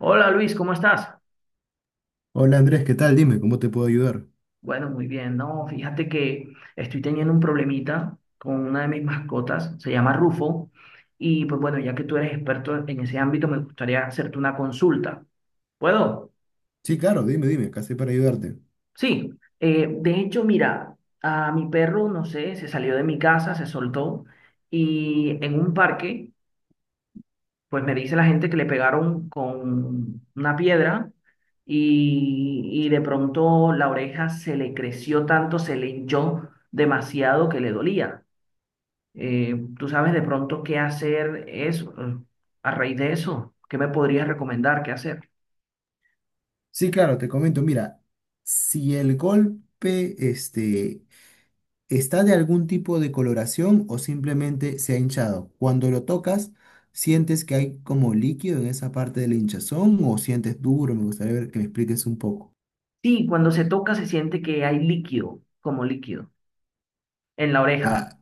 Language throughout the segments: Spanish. Hola Luis, ¿cómo estás? Hola Andrés, ¿qué tal? Dime, ¿cómo te puedo ayudar? Bueno, muy bien. No, fíjate que estoy teniendo un problemita con una de mis mascotas, se llama Rufo, y pues bueno, ya que tú eres experto en ese ámbito, me gustaría hacerte una consulta. ¿Puedo? Sí, claro, dime, dime, ¿qué haces para ayudarte? Sí. Eh, de hecho, mira, a mi perro, no sé, se salió de mi casa, se soltó, y en un parque pues me dice la gente que le pegaron con una piedra y, y de pronto la oreja se le creció tanto, se le hinchó demasiado que le dolía. Eh, ¿tú sabes de pronto qué hacer eso, eh, a raíz de eso? ¿Qué me podrías recomendar qué hacer? Sí, claro, te comento, mira, si el golpe este, está de algún tipo de coloración o simplemente se ha hinchado, cuando lo tocas, ¿sientes que hay como líquido en esa parte de la hinchazón o sientes duro? Me gustaría ver que me expliques un poco. Sí, cuando se toca se siente que hay líquido, como líquido, en la oreja. Ah.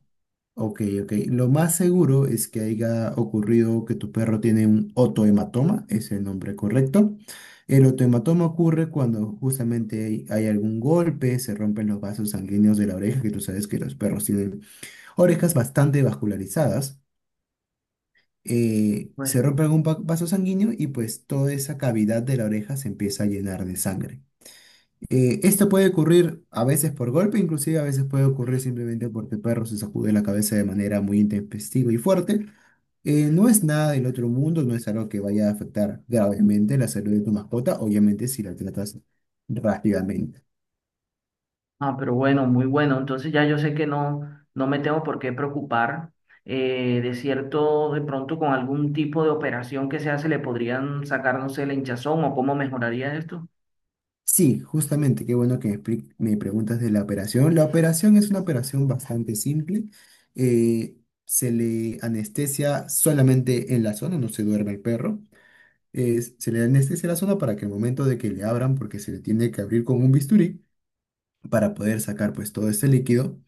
Ok, ok. Lo más seguro es que haya ocurrido que tu perro tiene un otohematoma, es el nombre correcto. El otohematoma ocurre cuando justamente hay, hay algún golpe, se rompen los vasos sanguíneos de la oreja, que tú sabes que los perros tienen orejas bastante vascularizadas. eh, Pues se rompe algún va- vaso sanguíneo y pues toda esa cavidad de la oreja se empieza a llenar de sangre. Eh, esto puede ocurrir a veces por golpe, inclusive a veces puede ocurrir simplemente porque el perro se sacude la cabeza de manera muy intempestiva y fuerte. Eh, no es nada del otro mundo, no es algo que vaya a afectar gravemente la salud de tu mascota, obviamente si la tratas rápidamente. Ah, pero bueno, muy bueno. Entonces ya yo sé que no, no me tengo por qué preocupar. eh, de cierto, de pronto con algún tipo de operación que se hace le podrían sacar, no sé, la hinchazón o cómo mejoraría esto. Sí, justamente, qué bueno que me, expli- me preguntas de la operación. La operación es una operación bastante simple. Eh, se le anestesia solamente en la zona, no se duerme el perro. eh, se le anestesia la zona para que al momento de que le abran, porque se le tiene que abrir con un bisturí, para poder sacar pues todo este líquido,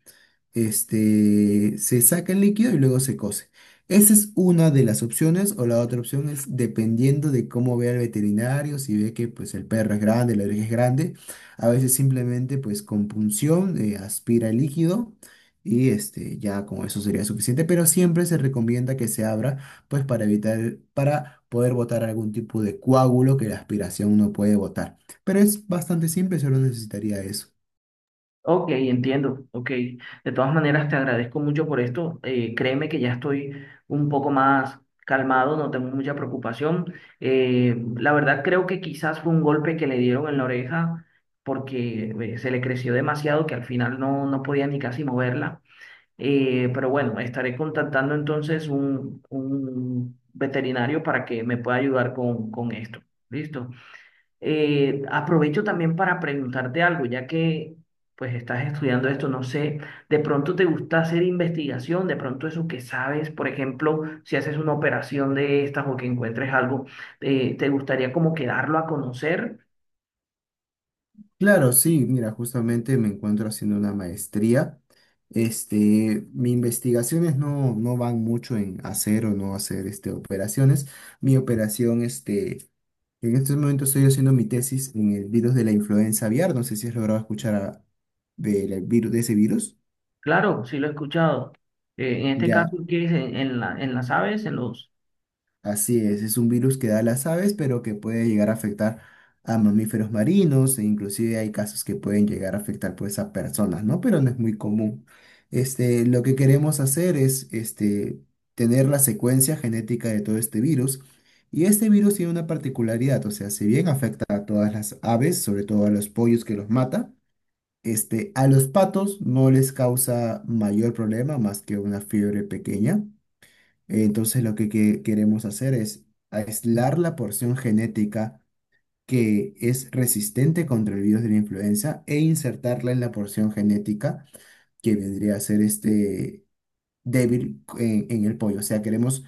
este, se saca el líquido y luego se cose. Esa es una de las opciones, o la otra opción es dependiendo de cómo vea el veterinario, si ve que pues el perro es grande, la oreja es grande, a veces simplemente pues con punción eh, aspira el líquido y este ya con eso sería suficiente, pero siempre se recomienda que se abra pues para evitar, para poder botar algún tipo de coágulo que la aspiración no puede botar. Pero es bastante simple, solo necesitaría eso. Ok, entiendo. Ok. De todas maneras, te agradezco mucho por esto. eh, créeme que ya estoy un poco más calmado, no tengo mucha preocupación. eh, la verdad creo que quizás fue un golpe que le dieron en la oreja porque eh, se le creció demasiado que al final no, no podía ni casi moverla. Eh, pero bueno, estaré contactando entonces un, un veterinario para que me pueda ayudar con, con esto. ¿Listo? Eh, aprovecho también para preguntarte algo, ya que pues estás estudiando esto, no sé, de pronto te gusta hacer investigación, de pronto eso que sabes, por ejemplo, si haces una operación de estas o que encuentres algo, eh, ¿te gustaría como que darlo a conocer? Claro, sí, mira, justamente me encuentro haciendo una maestría. Este, mis investigaciones no, no van mucho en hacer o no hacer este, operaciones. Mi operación, este, en estos momentos estoy haciendo mi tesis en el virus de la influenza aviar. No sé si has logrado escuchar a- del virus, de ese virus. Claro, sí lo he escuchado. Eh, en este caso, Ya, ¿qué es? ¿En, en la- en las aves, en los... Así es, es un virus que da a las aves, pero que puede llegar a afectar a mamíferos marinos e inclusive hay casos que pueden llegar a afectar pues a personas, ¿no? Pero no es muy común. Este, lo que queremos hacer es este, tener la secuencia genética de todo este virus y este virus tiene una particularidad, o sea, si bien afecta a todas las aves, sobre todo a los pollos que los mata, este, a los patos no les causa mayor problema más que una fiebre pequeña. Entonces lo que, que- queremos hacer es aislar la porción genética que es resistente contra el virus de la influenza e insertarla en la porción genética que vendría a ser este débil en, en el pollo. O sea, queremos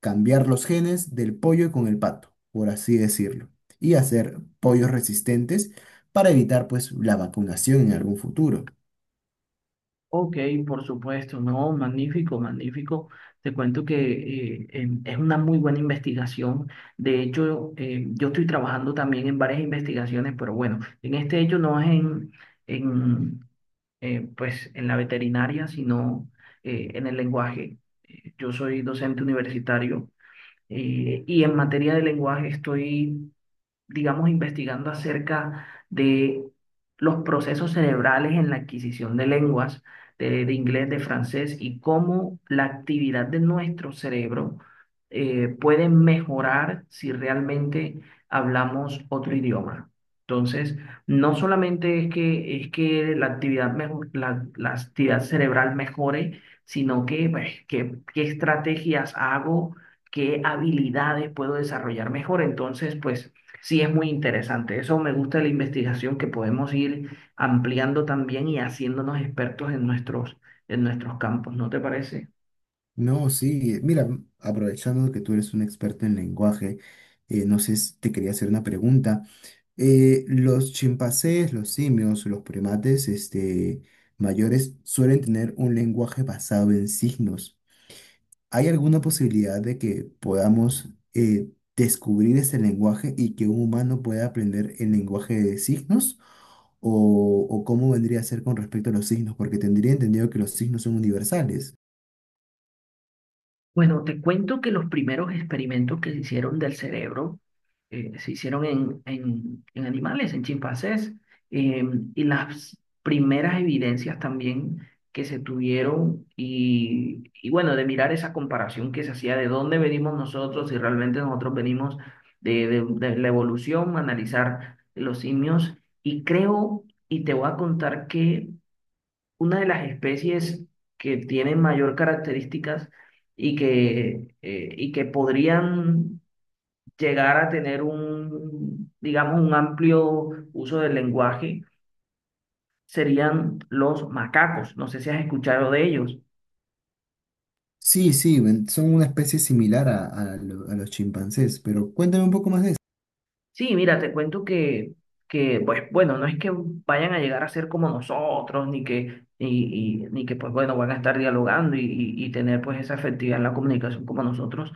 cambiar los genes del pollo con el pato, por así decirlo, y hacer pollos resistentes para evitar pues la vacunación en algún futuro. Ok, por supuesto, no, magnífico, magnífico. Te cuento que eh, em, es una muy buena investigación. De hecho, eh, yo estoy trabajando también en varias investigaciones, pero bueno, en este hecho no es en, en, eh, pues, en la veterinaria, sino eh, en el lenguaje. Eh, Yo soy docente universitario eh, y en materia de lenguaje estoy digamos, investigando acerca de los procesos cerebrales en la adquisición de lenguas, de, de inglés, de francés, y cómo la actividad de nuestro cerebro eh, puede mejorar si realmente hablamos otro idioma. Entonces, no solamente es que, es que la actividad, mejor, la, la actividad cerebral mejore, sino que, pues, qué qué estrategias hago, qué habilidades puedo desarrollar mejor. Entonces, pues Sí, es muy interesante. Eso me gusta de la investigación, que podemos ir ampliando también y haciéndonos expertos en nuestros, en nuestros campos, ¿no te parece? No, sí, mira, aprovechando que tú eres un experto en lenguaje, eh, no sé si te quería hacer una pregunta. Eh, los chimpancés, los simios, los primates, este, mayores suelen tener un lenguaje basado en signos. ¿Hay alguna posibilidad de que podamos eh, descubrir ese lenguaje y que un humano pueda aprender el lenguaje de signos? ¿O, o cómo vendría a ser con respecto a los signos? Porque tendría entendido que los signos son universales. Bueno, te cuento que los primeros experimentos que se hicieron del cerebro eh, se hicieron en, en, en animales, en chimpancés, eh, y las primeras evidencias también que se tuvieron y, y bueno, de mirar esa comparación que se hacía de dónde venimos nosotros, si realmente nosotros venimos de, de, de la evolución, analizar los simios, y creo, y te voy a contar que una de las especies que tienen mayor características y que, eh, y que podrían llegar a tener un, digamos, un amplio uso del lenguaje serían los macacos. No sé si has escuchado de ellos. Sí, sí, ven- son una especie similar a, a lo- a los chimpancés, pero cuéntame un poco más de eso. Sí, mira, te cuento que, que pues bueno, no es que vayan a llegar a ser como nosotros, ni que, y y- ni que pues bueno, van a estar dialogando y, y y tener pues esa efectividad en la comunicación como nosotros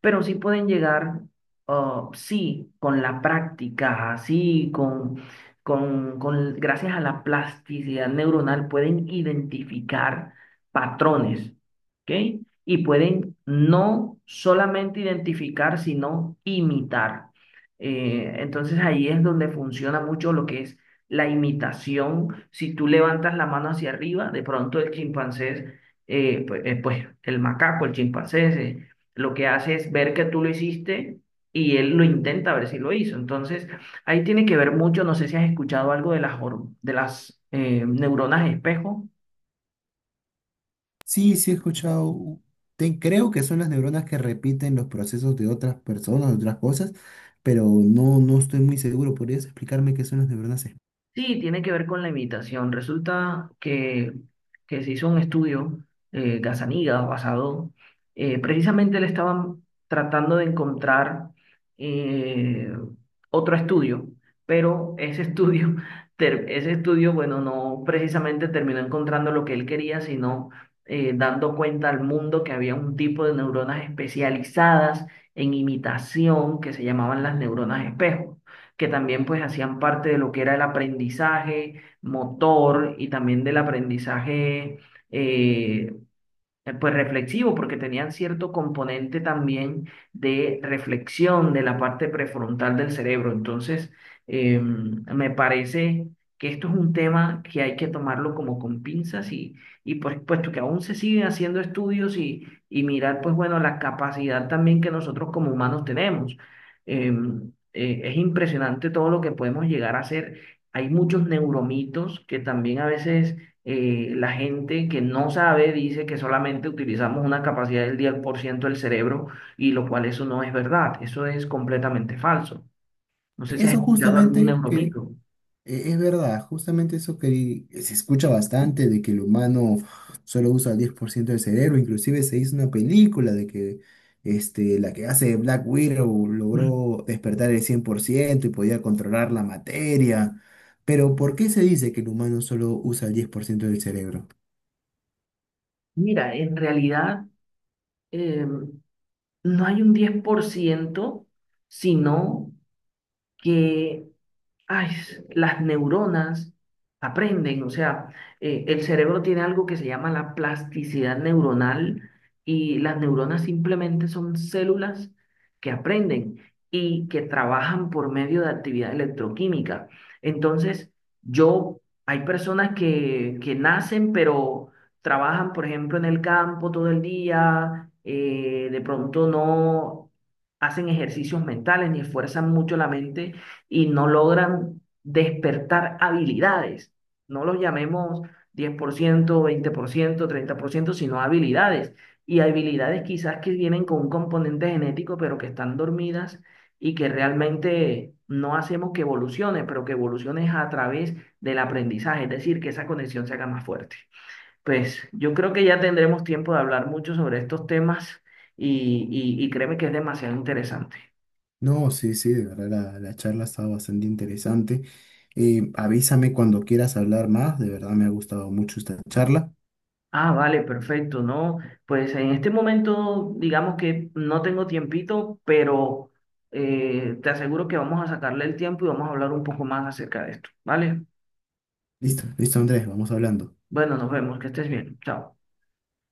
pero sí pueden llegar, ah, sí, con la práctica, sí, con, con, con, gracias a la plasticidad neuronal pueden identificar patrones, ¿ok? Y pueden no solamente identificar, sino imitar. Eh, entonces ahí es donde funciona mucho lo que es la imitación. Si tú levantas la mano hacia arriba, de pronto el chimpancé, eh, pues, eh, pues, el macaco, el chimpancé, se- lo que hace es ver que tú lo hiciste y él lo intenta ver si lo hizo. Entonces, ahí tiene que ver mucho, no sé si has escuchado algo de las, hor- de las eh, neuronas espejo. Sí, sí he escuchado, u- te- creo que son las neuronas que repiten los procesos de otras personas, de otras cosas, pero no, no estoy muy seguro. ¿Podrías explicarme qué son las neuronas? espe- Sí, tiene que ver con la imitación. Resulta que, que se hizo un estudio, eh, Gazzaniga, basado, eh, precisamente le estaban tratando de encontrar eh, otro estudio, pero ese estudio, ter- ese estudio, bueno, no precisamente terminó encontrando lo que él quería, sino eh, dando cuenta al mundo que había un tipo de neuronas especializadas en imitación que se llamaban las neuronas espejo que también pues hacían parte de lo que era el aprendizaje motor y también del aprendizaje eh, eh, pues reflexivo, porque tenían cierto componente también de reflexión de la parte prefrontal del cerebro. Entonces, eh, me parece que esto es un tema que hay que tomarlo como con pinzas y, y por supuesto que aún se siguen haciendo estudios y, y mirar, pues bueno, la capacidad también que nosotros como humanos tenemos. Eh, eh, es impresionante todo lo que podemos llegar a hacer. Hay muchos neuromitos que también a veces eh, la gente que no sabe dice que solamente utilizamos una capacidad del 10% del cerebro y lo cual eso no es verdad, eso es completamente falso. No sé si has Eso escuchado algún justamente E- neuromito. Es verdad, justamente eso que se escucha bastante, de que el humano solo usa el 10% del cerebro, inclusive se hizo una película de que este, la que hace Black Widow Mm. logró despertar el 100% y podía controlar la materia. Pero ¿por qué se dice que el humano solo usa el 10% del cerebro? Mira, en realidad eh, no hay un 10% sino que ay, las neuronas aprenden, o sea, eh, el cerebro tiene algo que se llama la plasticidad neuronal y las neuronas simplemente son células que aprenden y que trabajan por medio de actividad electroquímica. Entonces, yo, hay personas que, que nacen, pero trabajan, por ejemplo, en el campo todo el día, eh, de pronto no hacen ejercicios mentales ni esfuerzan mucho la mente y no logran despertar habilidades. No los llamemos diez por por ciento ciento veinte por ciento, treinta por ciento sino habilidades. Y habilidades quizás que vienen con un componente genético, pero que están dormidas y que realmente no hacemos que evolucione, pero que evolucione a través del aprendizaje, es decir, que esa conexión se haga más fuerte. Pues yo creo que ya tendremos tiempo de hablar mucho sobre estos temas y, y, y créeme que es demasiado interesante. No, sí, sí, de verdad la, la charla estaba bastante interesante. Eh, avísame cuando quieras hablar más, de verdad me ha gustado mucho esta charla. Ah, vale, perfecto, ¿no? Pues en este momento, digamos que no tengo tiempito, pero eh, te aseguro que vamos a sacarle el tiempo y vamos a hablar un poco más acerca de esto, ¿vale? Listo, listo Andrés, vamos hablando. Bueno, nos vemos, que estés bien, chao.